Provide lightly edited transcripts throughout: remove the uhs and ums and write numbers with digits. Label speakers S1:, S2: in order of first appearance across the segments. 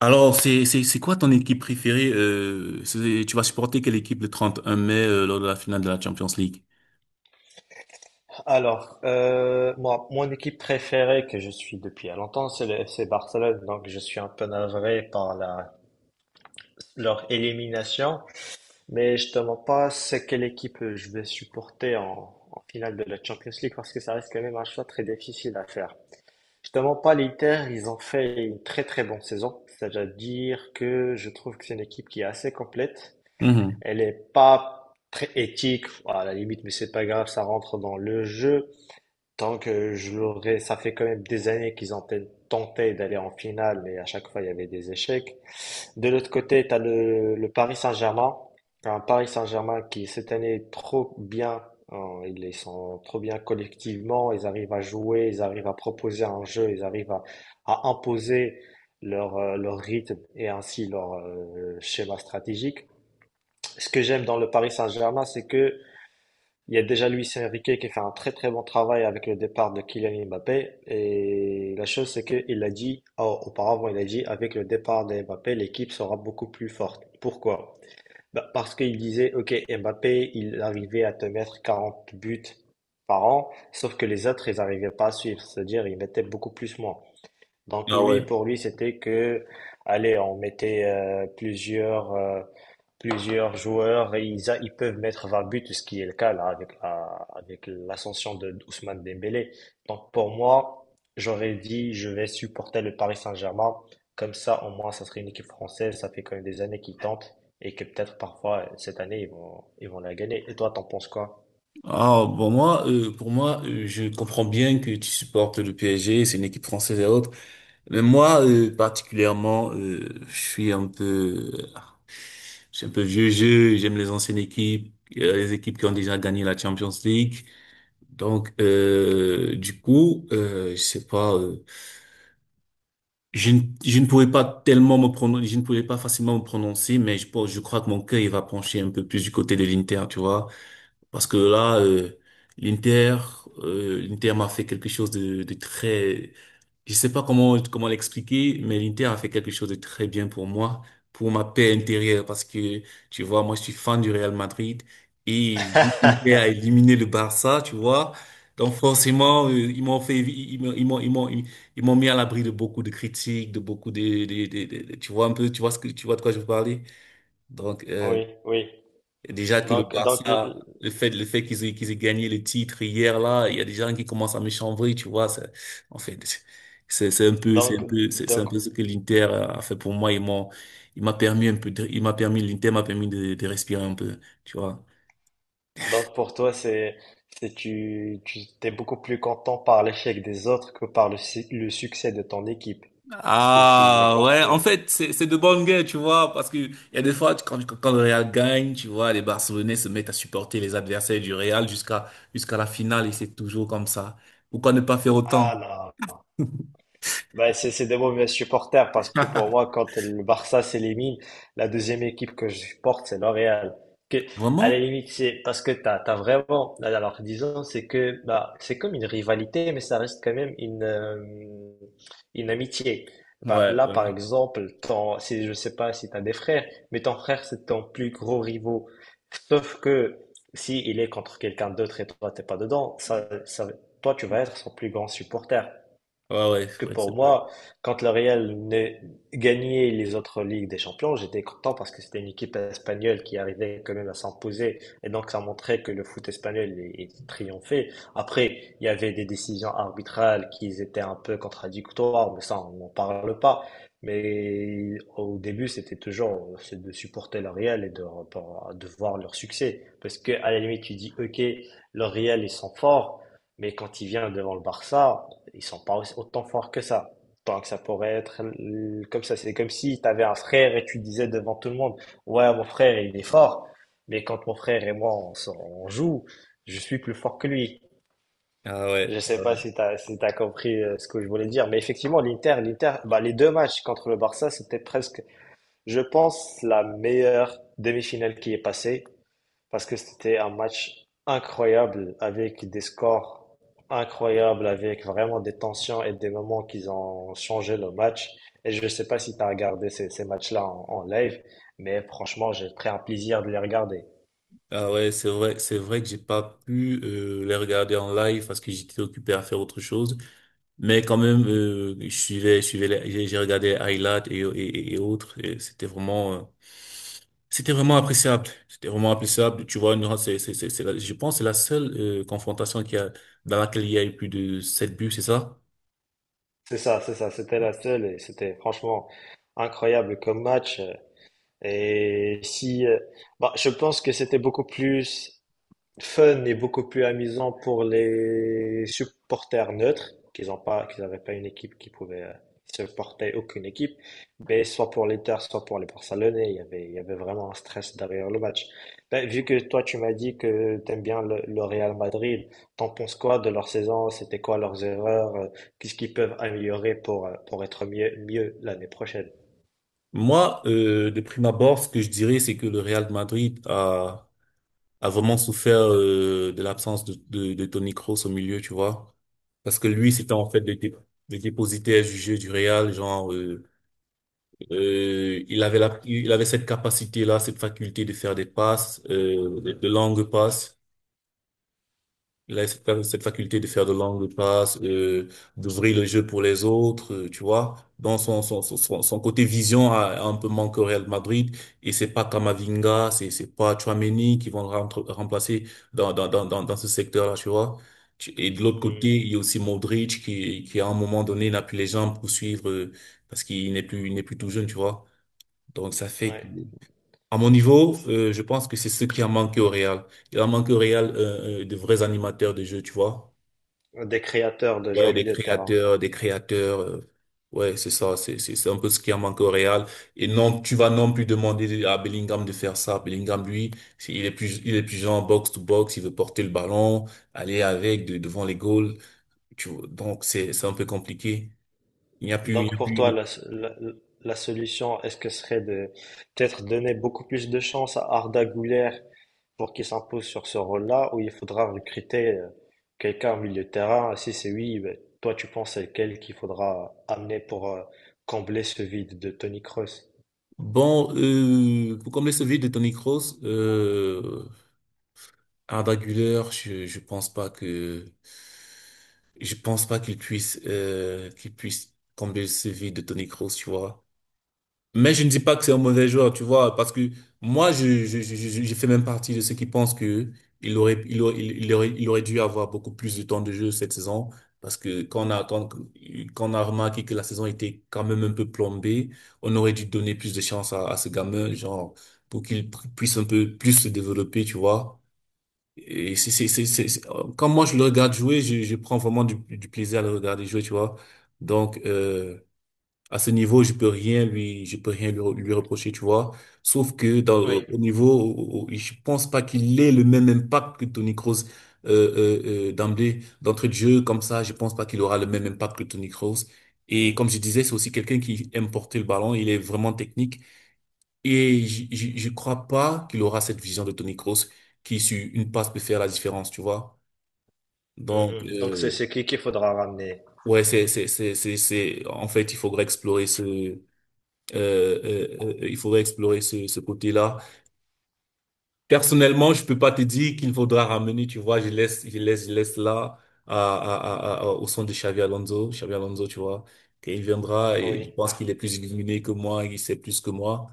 S1: Alors, c'est quoi ton équipe préférée? Tu vas supporter quelle équipe le 31 mai lors de la finale de la Champions League?
S2: Alors, moi, mon équipe préférée que je suis depuis à longtemps, c'est le FC Barcelone. Donc, je suis un peu navré par leur élimination. Mais je te mens pas, c'est quelle équipe je vais supporter en finale de la Champions League parce que ça reste quand même un choix très difficile à faire. Je te mens pas, l'Inter, ils ont fait une très très bonne saison. C'est-à-dire que je trouve que c'est une équipe qui est assez complète.
S1: Mhm.
S2: Elle est pas très éthique, à la limite, mais c'est pas grave, ça rentre dans le jeu. Tant que je l'aurais, ça fait quand même des années qu'ils ont tenté d'aller en finale, mais à chaque fois il y avait des échecs. De l'autre côté, tu as le Paris Saint-Germain, un Paris Saint-Germain qui cette année est trop bien, hein, ils sont trop bien collectivement, ils arrivent à jouer, ils arrivent à proposer un jeu, ils arrivent à imposer leur, leur rythme et ainsi leur schéma stratégique. Ce que j'aime dans le Paris Saint-Germain, c'est que il y a déjà Luis Enrique qui fait un très très bon travail avec le départ de Kylian Mbappé. Et la chose, c'est qu'il a dit, auparavant, il a dit, avec le départ de Mbappé, l'équipe sera beaucoup plus forte. Pourquoi? Bah, parce qu'il disait, OK, Mbappé, il arrivait à te mettre 40 buts par an, sauf que les autres, ils n'arrivaient pas à suivre. C'est-à-dire, ils mettaient beaucoup plus moins. Donc
S1: Ah ouais.
S2: lui, pour lui, c'était que, allez, on mettait plusieurs, plusieurs joueurs et ils peuvent mettre 20 buts, ce qui est le cas là avec avec l'ascension de Ousmane Dembélé. Donc pour moi, j'aurais dit, je vais supporter le Paris Saint-Germain. Comme ça, au moins, ça serait une équipe française. Ça fait quand même des années qu'ils tentent et que peut-être parfois cette année ils vont la gagner. Et toi, t'en penses quoi?
S1: Ah bon, moi, pour moi, je comprends bien que tu supportes le PSG, c'est une équipe française et autres. Mais moi, particulièrement, je suis un peu vieux jeu, j'aime les anciennes équipes, les équipes qui ont déjà gagné la Champions League. Donc, du coup, je sais pas Je, ne- je ne pouvais pas tellement me prononcer, je ne pouvais pas facilement me prononcer, mais je crois que mon cœur, il va pencher un peu plus du côté de l'Inter, tu vois. Parce que là, l'Inter, l'Inter m'a fait quelque chose de très, je sais pas comment l'expliquer, mais l'Inter a fait quelque chose de très bien pour moi, pour ma paix intérieure, parce que tu vois, moi je suis fan du Real Madrid et vu que l'Inter a éliminé le Barça, tu vois, donc forcément, ils m'ont mis à l'abri de beaucoup de critiques, de beaucoup tu vois un peu, tu vois ce que tu vois de quoi je veux parler, donc.
S2: Oui, oui.
S1: Déjà que le
S2: Donc, donc,
S1: Barça, le fait qu'ils aient gagné le titre hier, là, il y a des gens qui commencent à me chambrer, tu vois. En fait, c'est un peu, c'est un
S2: donc,
S1: peu, c'est un
S2: donc,
S1: peu ce que l'Inter a fait pour moi. l'Inter m'a permis de respirer un peu, tu vois.
S2: Donc pour toi, c'est tu t'es beaucoup plus content par l'échec des autres que par le, si le succès de ton équipe. Si, si, j'ai
S1: Ah ouais, en
S2: compris.
S1: fait, c'est de bonnes guerres, tu vois, parce que il y a des fois, quand le Real gagne, tu vois, les Barcelonais se mettent à supporter les adversaires du Real jusqu'à la finale, et c'est toujours comme ça. Pourquoi ne pas faire autant?
S2: Ah non. Bah, c'est des mauvais supporters parce que pour moi, quand le Barça s'élimine, la deuxième équipe que je supporte, c'est l'Oréal. Que, à la
S1: Vraiment?
S2: limite, c'est parce que t'as vraiment, alors disons, c'est que, bah, c'est comme une rivalité, mais ça reste quand même une amitié. Bah,
S1: Ouais,
S2: là, par
S1: ouais,
S2: exemple, ton, si, je sais pas si t'as des frères, mais ton frère, c'est ton plus gros rivaux. Sauf que si il est contre quelqu'un d'autre et toi, t'es pas dedans, toi, tu vas être son plus grand supporter.
S1: ouais, ouais,
S2: Parce
S1: ouais,
S2: que pour
S1: c'est vrai.
S2: moi, quand le Real venait gagner les autres Ligues des Champions, j'étais content parce que c'était une équipe espagnole qui arrivait quand même à s'imposer. Et donc, ça montrait que le foot espagnol est triomphé. Après, il y avait des décisions arbitrales qui étaient un peu contradictoires, mais ça, on n'en parle pas. Mais au début, c'était toujours c'est de supporter le Real. De voir leur succès. Parce que, à la limite, tu dis, OK, le Real, ils sont forts, mais quand il vient devant le Barça, ils sont pas aussi- autant forts que ça. Tant que ça pourrait être comme ça. C'est comme si tu avais un frère et tu disais devant tout le monde, ouais, mon frère, il est fort. Mais quand mon frère et moi, on joue, je suis plus fort que lui.
S1: Ah
S2: Je
S1: ouais, ah
S2: sais pas
S1: ouais.
S2: si t'as, si t'as compris ce que je voulais dire. Mais effectivement, l'Inter, bah, les 2 matchs contre le Barça, c'était presque, je pense, la meilleure demi-finale qui est passée parce que c'était un match incroyable avec des scores incroyables, avec vraiment des tensions et des moments qui ont changé le match. Et je ne sais pas si tu as regardé ces matchs-là en live, mais franchement, j'ai pris un plaisir de les regarder.
S1: Ah ouais, c'est vrai que j'ai pas pu les regarder en live parce que j'étais occupé à faire autre chose. Mais quand même, j'ai regardé les highlights et autres. Et c'était vraiment appréciable. C'était vraiment appréciable. Tu vois, nous, je pense que c'est la seule confrontation qui a, dans laquelle il y a eu plus de 7 buts, c'est ça?
S2: C'est ça, c'était la seule et c'était franchement incroyable comme match. Et si, bah, je pense que c'était beaucoup plus fun et beaucoup plus amusant pour les supporters neutres, qu'ils n'avaient pas une équipe qui pouvait supporter aucune équipe, mais soit pour l'Inter, soit pour les Barcelonais, il y avait vraiment un stress derrière le match. Ben, vu que toi, tu m'as dit que t'aimes bien le Real Madrid, t'en penses quoi de leur saison? C'était quoi leurs erreurs? Qu'est-ce qu'ils peuvent améliorer pour être mieux, mieux l'année prochaine?
S1: Moi, de prime abord, ce que je dirais, c'est que le Real de Madrid a vraiment souffert de l'absence de Toni Kroos au milieu, tu vois. Parce que lui, c'était en fait le dépositaire du jeu du Real, genre, il avait cette capacité-là, cette faculté de faire des passes, de longues passes. Il a cette faculté de faire de longues passes, d'ouvrir le jeu pour les autres, tu vois. Dans son côté vision a un peu manqué au Real Madrid. Et c'est pas Camavinga, c'est pas Tchouaméni qui vont remplacer dans ce secteur-là, tu vois. Et de l'autre
S2: Hmm,
S1: côté, il y a aussi Modric qui à un moment donné n'a plus les jambes pour suivre, parce qu'il n'est plus tout jeune, tu vois. Donc ça fait que
S2: ouais.
S1: à mon niveau, je pense que c'est ce qui a manqué au Real. Il a manqué au Real de vrais animateurs de jeu, tu vois.
S2: Des créateurs de jeux
S1: Ouais,
S2: au
S1: des
S2: milieu de terrain.
S1: créateurs, des créateurs. Ouais, c'est ça, c'est un peu ce qui a manqué au Real. Et non, tu vas non plus demander à Bellingham de faire ça. Bellingham, lui, il est plus genre box to box. Il veut porter le ballon, aller devant les goals. Tu vois, donc c'est un peu compliqué. Il n'y a plus il n'y
S2: Donc
S1: a
S2: pour toi,
S1: plus.
S2: la- la solution, est-ce que ce serait de peut-être donner beaucoup plus de chance à Arda Güler pour qu'il s'impose sur ce rôle-là, ou il faudra recruter quelqu'un au milieu de terrain? Si c'est oui, ben, toi tu penses à quel qu'il faudra amener pour combler ce vide de Tony Kroos?
S1: Bon, pour combler ce vide de Toni Kroos, Arda Güler, je pense pas qu'il puisse, combler le CV de Toni Kroos, tu vois. Mais je ne dis pas que c'est un mauvais joueur, tu vois, parce que moi, je fais même partie de ceux qui pensent que il aurait dû avoir beaucoup plus de temps de jeu cette saison, parce que quand, on a remarqué que la saison était quand même un peu plombée, on aurait dû donner plus de chance à ce gamin, genre, pour puisse un peu plus se développer, tu vois. Quand moi je le regarde jouer, je prends vraiment du plaisir à le regarder jouer, tu vois. Donc, à ce niveau, je peux rien lui reprocher, tu vois. Sauf que dans,
S2: Oui.
S1: au niveau, au- au- je pense pas qu'il ait le même impact que Tony Kroos, d'emblée, d'entrée de jeu, comme ça, je pense pas qu'il aura le même impact que Tony Kroos. Et comme je disais, c'est aussi quelqu'un qui aime porter le ballon, il est vraiment technique. Et je crois pas qu'il aura cette vision de Tony Kroos qui, sur une passe, peut faire la différence, tu vois. Donc,
S2: Mhm. Donc c'est c'est qui qu'il faudra ramener?
S1: ouais, en fait, il faudrait explorer ce côté-là. Personnellement, je peux pas te dire qu'il faudra ramener, tu vois, je laisse là, au son de Xavi Alonso, tu vois. Qu'il viendra, et je
S2: Oui,
S1: pense qu'il est plus illuminé que moi, il sait plus que moi.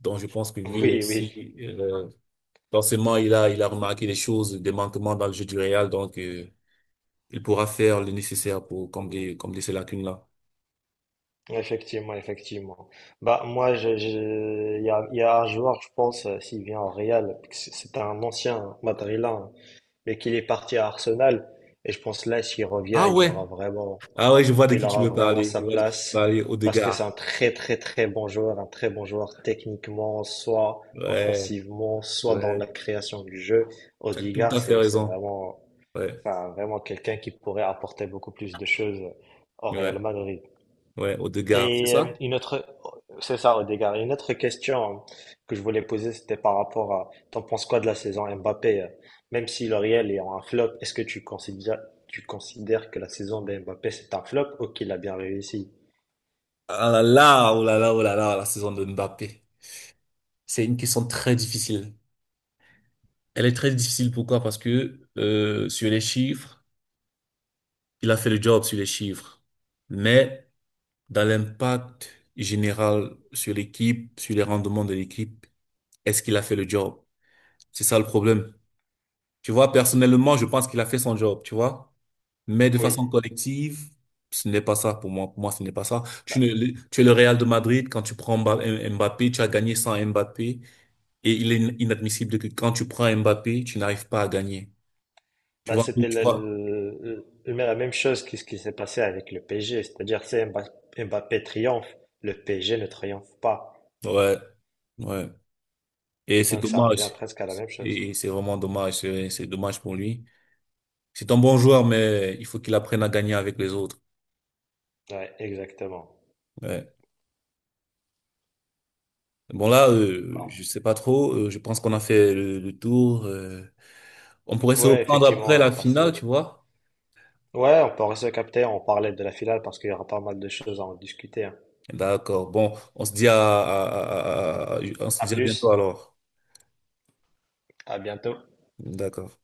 S1: Donc, je pense que lui
S2: oui,
S1: aussi,
S2: oui.
S1: euh, forcément, il a remarqué des choses, des manquements dans le jeu du Real, donc il pourra faire le nécessaire pour combler ces lacunes-là.
S2: Effectivement, effectivement. Bah, moi, il y a un joueur, je pense, s'il vient au Real, c'est un ancien madrilène, hein, mais qu'il est parti à Arsenal. Et je pense là, s'il revient,
S1: Ah ouais, ah ouais, je vois de
S2: il
S1: qui tu
S2: aura
S1: veux
S2: vraiment
S1: parler.
S2: sa
S1: Je vois de qui tu veux
S2: place.
S1: parler,
S2: Parce que c'est un
S1: Odegaard.
S2: très, très, très bon joueur, un très bon joueur techniquement, soit
S1: Ouais,
S2: offensivement, soit dans
S1: ouais.
S2: la création du jeu.
S1: Tu as tout
S2: Odegaard,
S1: à fait
S2: c'est
S1: raison.
S2: vraiment,
S1: Ouais,
S2: enfin, vraiment quelqu'un qui pourrait apporter beaucoup plus de choses au Real
S1: ouais,
S2: Madrid.
S1: ouais, Odegaard, c'est
S2: Et
S1: ça?
S2: c'est ça, Odegaard. Une autre question que je voulais poser, c'était par rapport à, t'en penses quoi de la saison Mbappé? Même si le Real est en un flop, est-ce que tu considères que la saison de Mbappé c'est un flop ou qu'il a bien réussi?
S1: Ah là là, oh là là, oh là là, la saison de Mbappé. C'est une question très difficile. Elle est très difficile, pourquoi? Parce que sur les chiffres, il a fait le job sur les chiffres. Mais dans l'impact général sur l'équipe, sur les rendements de l'équipe, est-ce qu'il a fait le job? C'est ça le problème. Tu vois, personnellement, je pense qu'il a fait son job, tu vois. Mais de
S2: Oui.
S1: façon collective, ce n'est pas ça pour moi. Pour moi, ce n'est pas ça. Tu,
S2: Bah,
S1: ne- Tu es le Real de Madrid, quand tu prends Mbappé, tu as gagné sans Mbappé. Et il est inadmissible que quand tu prends Mbappé, tu n'arrives pas à gagner. Tu vois,
S2: c'était
S1: tu vois.
S2: la même chose que ce qui s'est passé avec le PSG, c'est-à-dire Mbappé triomphe, le PSG ne triomphe pas.
S1: Ouais, ouais. Et c'est
S2: Donc ça revient
S1: dommage.
S2: presque à la même chose.
S1: Et c'est vraiment dommage. C'est dommage pour lui. C'est un bon joueur, mais il faut qu'il apprenne à gagner avec les autres.
S2: Ouais, exactement.
S1: Ouais. Bon là,
S2: Non.
S1: je sais pas trop. Je pense qu'on a fait le tour. On pourrait se
S2: Ouais,
S1: reprendre
S2: effectivement,
S1: après
S2: on
S1: la
S2: a
S1: finale,
S2: passé.
S1: tu vois.
S2: Ouais, on peut rester capter. On parlait de la finale parce qu'il y aura pas mal de choses à en discuter, hein.
S1: D'accord. Bon, on se
S2: À
S1: dit à bientôt
S2: plus,
S1: alors.
S2: à bientôt.
S1: D'accord.